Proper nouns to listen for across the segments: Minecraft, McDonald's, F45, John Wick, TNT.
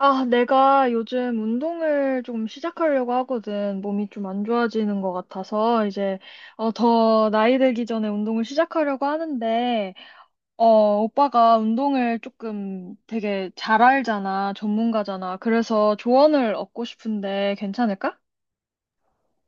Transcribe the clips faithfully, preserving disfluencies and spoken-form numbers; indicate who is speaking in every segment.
Speaker 1: 아, 내가 요즘 운동을 좀 시작하려고 하거든. 몸이 좀 안 좋아지는 것 같아서 이제 어, 더 나이 들기 전에 운동을 시작하려고 하는데 어, 오빠가 운동을 조금 되게 잘 알잖아. 전문가잖아. 그래서 조언을 얻고 싶은데 괜찮을까?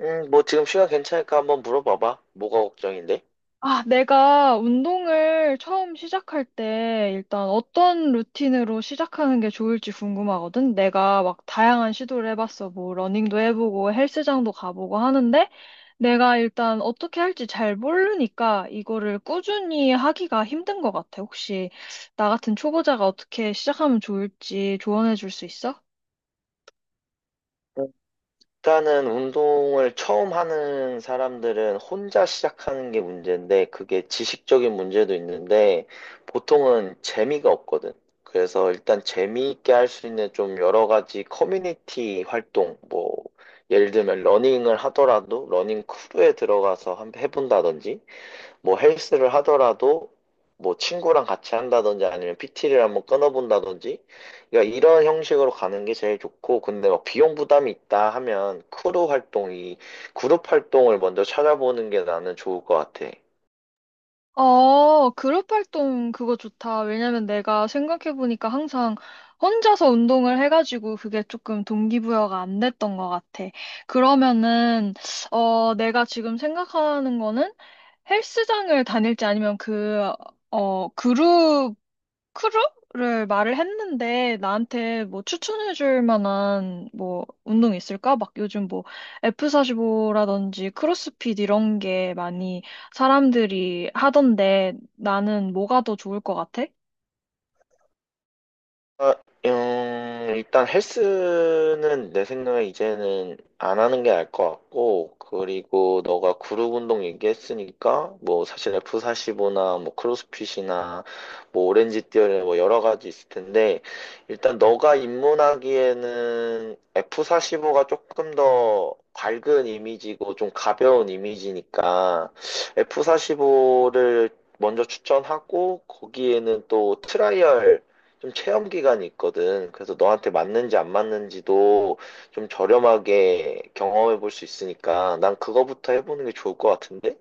Speaker 2: 음, 뭐 지금 시간 괜찮을까 한번 물어봐봐. 뭐가 걱정인데?
Speaker 1: 아, 내가 운동을 처음 시작할 때 일단 어떤 루틴으로 시작하는 게 좋을지 궁금하거든. 내가 막 다양한 시도를 해봤어. 뭐 러닝도 해보고 헬스장도 가보고 하는데 내가 일단 어떻게 할지 잘 모르니까 이거를 꾸준히 하기가 힘든 것 같아. 혹시 나 같은 초보자가 어떻게 시작하면 좋을지 조언해 줄 수 있어?
Speaker 2: 일단은 운동을 처음 하는 사람들은 혼자 시작하는 게 문제인데, 그게 지식적인 문제도 있는데, 보통은 재미가 없거든. 그래서 일단 재미있게 할 수 있는 좀 여러 가지 커뮤니티 활동, 뭐, 예를 들면 러닝을 하더라도 러닝 크루에 들어가서 한 해본다든지, 뭐 헬스를 하더라도 뭐 친구랑 같이 한다든지 아니면 피티를 한번 끊어본다든지 그러니까 이런 형식으로 가는 게 제일 좋고, 근데 막 비용 부담이 있다 하면 크루 활동이, 그룹 활동을 먼저 찾아보는 게 나는 좋을 것 같아.
Speaker 1: 어, 그룹 활동 그거 좋다. 왜냐면 내가 생각해보니까 항상 혼자서 운동을 해가지고 그게 조금 동기부여가 안 됐던 것 같아. 그러면은 어, 내가 지금 생각하는 거는 헬스장을 다닐지 아니면 그, 어, 그룹 크루를 말을 했는데 나한테 뭐 추천해 줄 만한 뭐 운동 있을까? 막 요즘 뭐 에프 사십오라든지 크로스핏 이런 게 많이 사람들이 하던데 나는 뭐가 더 좋을 것 같아?
Speaker 2: 아, 음, 일단 헬스는 내 생각에 이제는 안 하는 게 나을 것 같고, 그리고 너가 그룹 운동 얘기했으니까, 뭐 사실 에프 사십오나 뭐 크로스핏이나 뭐 오렌지 띠어리 뭐 여러 가지 있을 텐데, 일단 너가 입문하기에는 에프 사십오가 조금 더 밝은 이미지고 좀 가벼운 이미지니까, 에프 사십오를 먼저 추천하고, 거기에는 또 트라이얼, 좀 체험 기간이 있거든. 그래서 너한테 맞는지 안 맞는지도 좀 저렴하게 경험해 볼 수 있으니까 난 그거부터 해보는 게 좋을 것 같은데?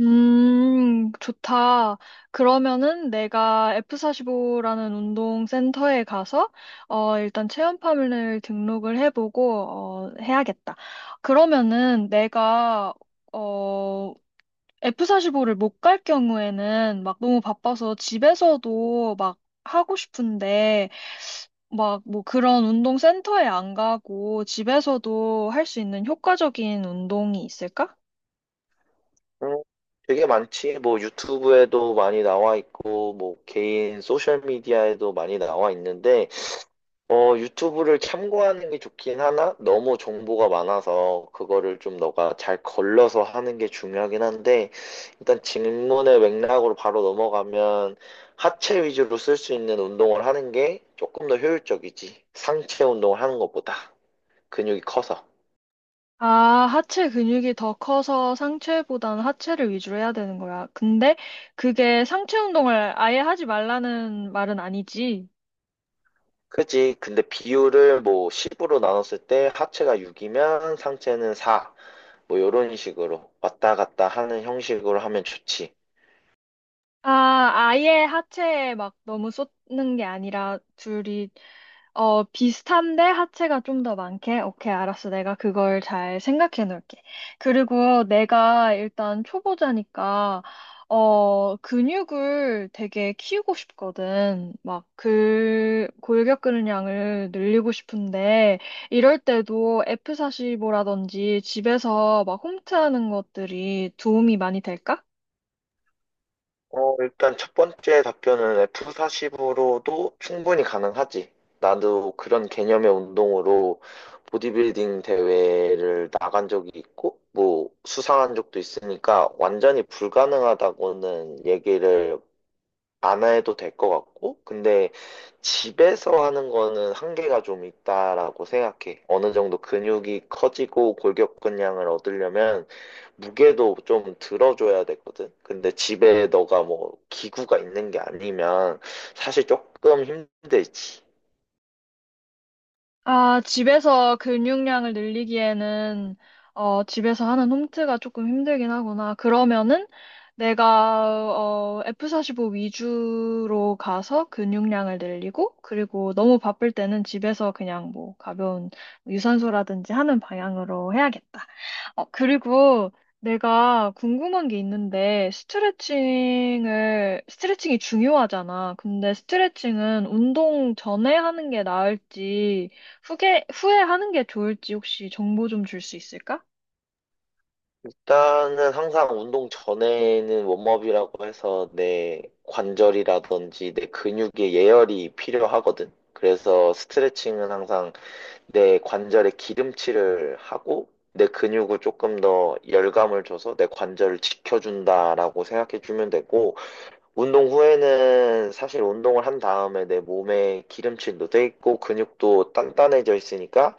Speaker 1: 음, 좋다. 그러면은 내가 에프 사십오라는 운동 센터에 가서 어, 일단 체험판을 등록을 해보고, 어, 해야겠다. 그러면은 내가 어, 에프 사십오를 못 갈 경우에는 막 너무 바빠서 집에서도 막 하고 싶은데 막 뭐 그런 운동 센터에 안 가고 집에서도 할 수 있는 효과적인 운동이 있을까?
Speaker 2: 음, 되게 많지. 뭐 유튜브에도 많이 나와 있고, 뭐 개인 소셜 미디어에도 많이 나와 있는데, 어, 유튜브를 참고하는 게 좋긴 하나 너무 정보가 많아서 그거를 좀 너가 잘 걸러서 하는 게 중요하긴 한데, 일단 질문의 맥락으로 바로 넘어가면, 하체 위주로 쓸 수 있는 운동을 하는 게 조금 더 효율적이지. 상체 운동을 하는 것보다 근육이 커서.
Speaker 1: 아, 하체 근육이 더 커서 상체보다는 하체를 위주로 해야 되는 거야. 근데 그게 상체 운동을 아예 하지 말라는 말은 아니지.
Speaker 2: 그지? 근데 비율을 뭐 십으로 나눴을 때 하체가 육이면 상체는 사. 뭐 요런 식으로 왔다 갔다 하는 형식으로 하면 좋지.
Speaker 1: 아, 아예 하체에 막 너무 쏟는 게 아니라 둘이 어, 비슷한데 하체가 좀 더 많게? 오케이, 알았어. 내가 그걸 잘 생각해 놓을게. 그리고 내가 일단 초보자니까 어, 근육을 되게 키우고 싶거든. 막, 그, 골격 근량을 늘리고 싶은데, 이럴 때도 에프 사십오라든지 집에서 막 홈트하는 것들이 도움이 많이 될까?
Speaker 2: 어, 일단 첫 번째 답변은 에프 사십으로도 충분히 가능하지. 나도 그런 개념의 운동으로 보디빌딩 대회를 나간 적이 있고, 뭐, 수상한 적도 있으니까 완전히 불가능하다고는 얘기를 안 해도 될 것 같고, 근데 집에서 하는 거는 한계가 좀 있다라고 생각해. 어느 정도 근육이 커지고 골격근량을 얻으려면 무게도 좀 들어줘야 되거든. 근데 집에 너가 뭐 기구가 있는 게 아니면 사실 조금 힘들지.
Speaker 1: 아, 집에서 근육량을 늘리기에는 어, 집에서 하는 홈트가 조금 힘들긴 하구나. 그러면은 내가 어, 에프 사십오 위주로 가서 근육량을 늘리고 그리고 너무 바쁠 때는 집에서 그냥 뭐 가벼운 유산소라든지 하는 방향으로 해야겠다. 어, 그리고 내가 궁금한 게 있는데, 스트레칭을, 스트레칭이 중요하잖아. 근데 스트레칭은 운동 전에 하는 게 나을지, 후에, 후에 하는 게 좋을지 혹시 정보 좀 줄 수 있을까?
Speaker 2: 일단은 항상 운동 전에는 웜업이라고 해서 내 관절이라든지 내 근육에 예열이 필요하거든. 그래서 스트레칭은 항상 내 관절에 기름칠을 하고 내 근육을 조금 더 열감을 줘서 내 관절을 지켜준다라고 생각해 주면 되고, 운동 후에는 사실 운동을 한 다음에 내 몸에 기름칠도 돼 있고 근육도 단단해져 있으니까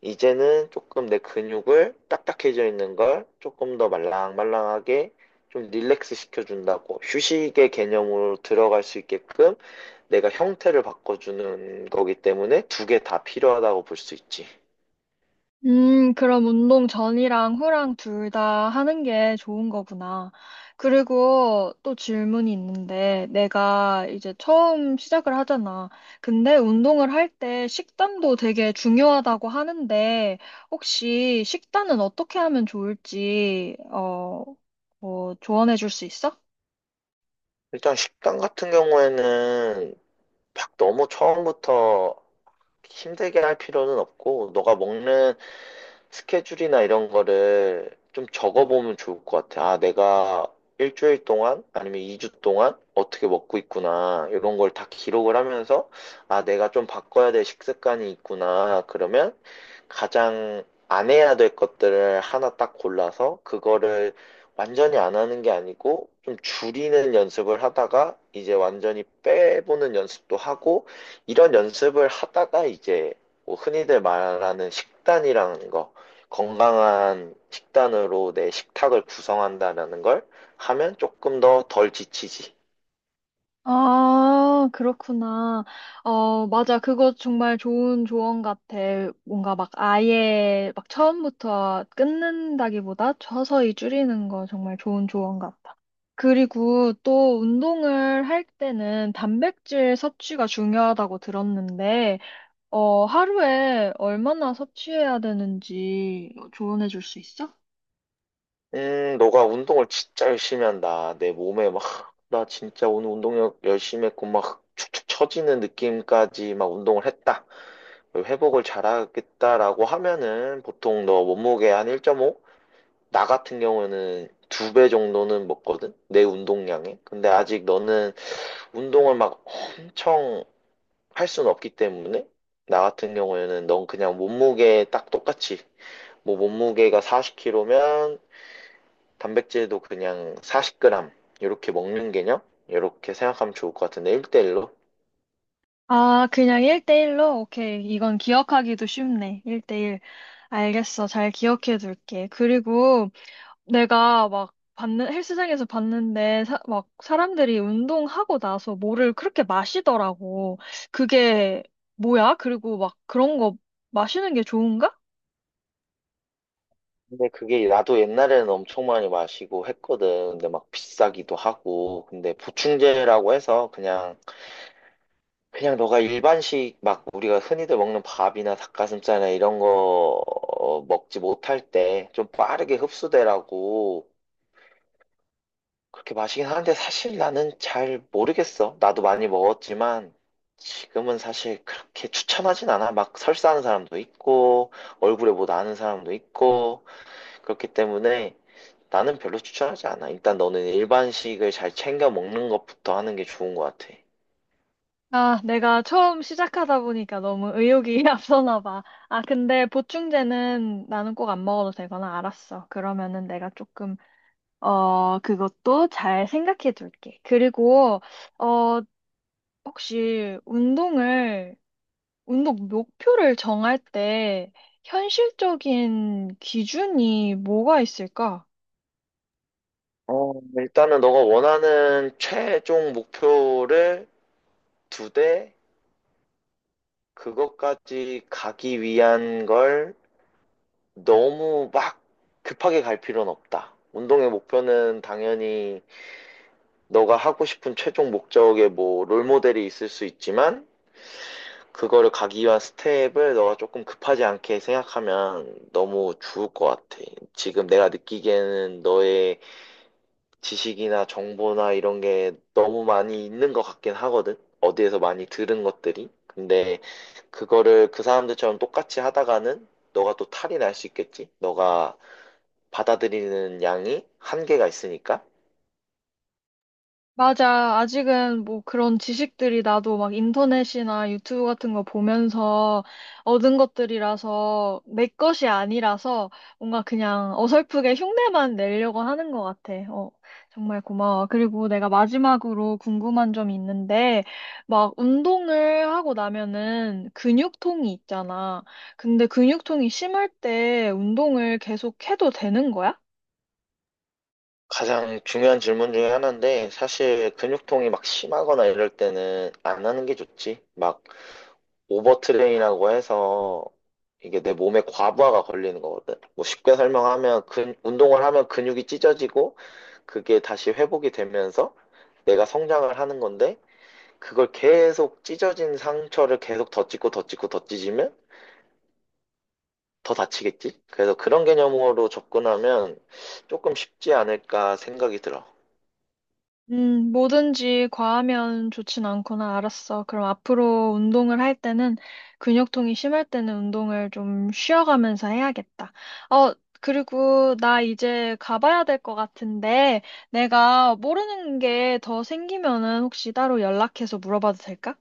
Speaker 2: 이제는 조금 내 근육을 딱딱해져 있는 걸 조금 더 말랑말랑하게 좀 릴렉스 시켜준다고 휴식의 개념으로 들어갈 수 있게끔 내가 형태를 바꿔주는 거기 때문에 두 개 다 필요하다고 볼 수 있지.
Speaker 1: 음, 그럼 운동 전이랑 후랑 둘 다 하는 게 좋은 거구나. 그리고 또 질문이 있는데, 내가 이제 처음 시작을 하잖아. 근데 운동을 할 때 식단도 되게 중요하다고 하는데, 혹시 식단은 어떻게 하면 좋을지, 어, 뭐, 조언해 줄 수 있어?
Speaker 2: 일단 식당 같은 경우에는 막 너무 처음부터 힘들게 할 필요는 없고, 너가 먹는 스케줄이나 이런 거를 좀 적어보면 좋을 것 같아. 아, 내가 일주일 동안 아니면 이 주 동안 어떻게 먹고 있구나. 이런 걸 다 기록을 하면서 아, 내가 좀 바꿔야 될 식습관이 있구나. 그러면 가장 안 해야 될 것들을 하나 딱 골라서 그거를 완전히 안 하는 게 아니고 좀 줄이는 연습을 하다가 이제 완전히 빼보는 연습도 하고, 이런 연습을 하다가 이제 뭐 흔히들 말하는 식단이라는 거, 건강한 식단으로 내 식탁을 구성한다라는 걸 하면 조금 더 덜 지치지.
Speaker 1: 아, 그렇구나. 어, 맞아. 그거 정말 좋은 조언 같아. 뭔가 막 아예 막 처음부터 끊는다기보다 서서히 줄이는 거 정말 좋은 조언 같아. 그리고 또 운동을 할 때는 단백질 섭취가 중요하다고 들었는데 어, 하루에 얼마나 섭취해야 되는지 조언해 줄 수 있어?
Speaker 2: 음, 너가 운동을 진짜 열심히 한다. 내 몸에 막, 나 진짜 오늘 운동력 열심히 했고, 막 축축 처지는 느낌까지 막 운동을 했다. 회복을 잘하겠다라고 하면은 보통 너 몸무게 한 일 점 오? 나 같은 경우에는 두 배 정도는 먹거든? 내 운동량에. 근데 아직 너는 운동을 막 엄청 할 수는 없기 때문에, 나 같은 경우에는 넌 그냥 몸무게 딱 똑같이, 뭐 몸무게가 사십 킬로그램이면 단백질도 그냥 사십 그램 이렇게 먹는 개념, 이렇게 생각하면 좋을 것 같은데, 일 대일로
Speaker 1: 아, 그냥 일 대일로? 오케이. 이건 기억하기도 쉽네. 일 대일. 알겠어. 잘 기억해 둘게. 그리고 내가 막 봤는, 헬스장에서 봤는데, 사- 막 사람들이 운동하고 나서 뭐를 그렇게 마시더라고. 그게 뭐야? 그리고 막 그런 거 마시는 게 좋은가?
Speaker 2: 근데 그게 나도 옛날에는 엄청 많이 마시고 했거든. 근데 막 비싸기도 하고, 근데 보충제라고 해서 그냥 그냥 너가 일반식, 막 우리가 흔히들 먹는 밥이나 닭가슴살이나 이런 거 먹지 못할 때 좀 빠르게 흡수되라고 그렇게 마시긴 하는데, 사실 나는 잘 모르겠어. 나도 많이 먹었지만 지금은 사실 그렇게 추천하진 않아. 막 설사하는 사람도 있고 얼굴에 뭐 나는 사람도 있고, 그렇기 때문에 나는 별로 추천하지 않아. 일단 너는 일반식을 잘 챙겨 먹는 것부터 하는 게 좋은 것 같아.
Speaker 1: 아, 내가 처음 시작하다 보니까 너무 의욕이 앞서나 봐. 아, 근데 보충제는 나는 꼭 안 먹어도 되거나 알았어. 그러면은 내가 조금 어, 그것도 잘 생각해 둘게. 그리고 어, 혹시 운동을, 운동 목표를 정할 때 현실적인 기준이 뭐가 있을까?
Speaker 2: 어, 일단은 너가 원하는 최종 목표를 두 대, 그것까지 가기 위한 걸 너무 막 급하게 갈 필요는 없다. 운동의 목표는 당연히 너가 하고 싶은 최종 목적에 뭐 롤모델이 있을 수 있지만, 그거를 가기 위한 스텝을 너가 조금 급하지 않게 생각하면 너무 좋을 것 같아. 지금 내가 느끼기에는 너의 지식이나 정보나 이런 게 너무 많이 있는 것 같긴 하거든. 어디에서 많이 들은 것들이. 근데 그거를 그 사람들처럼 똑같이 하다가는 너가 또 탈이 날 수 있겠지. 너가 받아들이는 양이 한계가 있으니까.
Speaker 1: 맞아. 아직은 뭐 그런 지식들이 나도 막 인터넷이나 유튜브 같은 거 보면서 얻은 것들이라서 내 것이 아니라서 뭔가 그냥 어설프게 흉내만 내려고 하는 것 같아. 어, 정말 고마워. 그리고 내가 마지막으로 궁금한 점이 있는데 막 운동을 하고 나면은 근육통이 있잖아. 근데 근육통이 심할 때 운동을 계속 해도 되는 거야?
Speaker 2: 가장 중요한 질문 중에 하나인데, 사실 근육통이 막 심하거나 이럴 때는 안 하는 게 좋지. 막 오버트레인이라고 해서 이게 내 몸에 과부하가 걸리는 거거든. 뭐 쉽게 설명하면, 근, 운동을 하면 근육이 찢어지고 그게 다시 회복이 되면서 내가 성장을 하는 건데, 그걸 계속 찢어진 상처를 계속 덧 찢고 덧 찢고 덧 찢으면 더 다치겠지? 그래서 그런 개념으로 접근하면 조금 쉽지 않을까 생각이 들어.
Speaker 1: 음, 뭐든지 과하면 좋진 않구나. 알았어. 그럼 앞으로 운동을 할 때는 근육통이 심할 때는 운동을 좀 쉬어가면서 해야겠다. 어, 그리고 나 이제 가봐야 될 것 같은데 내가 모르는 게 더 생기면은 혹시 따로 연락해서 물어봐도 될까?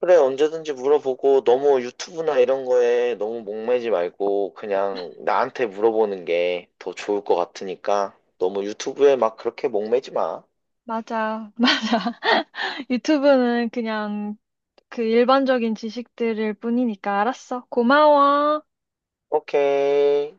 Speaker 2: 그래, 언제든지 물어보고, 너무 유튜브나 이런 거에 너무 목매지 말고 그냥 나한테 물어보는 게 더 좋을 것 같으니까, 너무 유튜브에 막 그렇게 목매지 마.
Speaker 1: 맞아. 유튜브는 그냥 그 일반적인 지식들일 뿐이니까 알았어. 고마워.
Speaker 2: 오케이.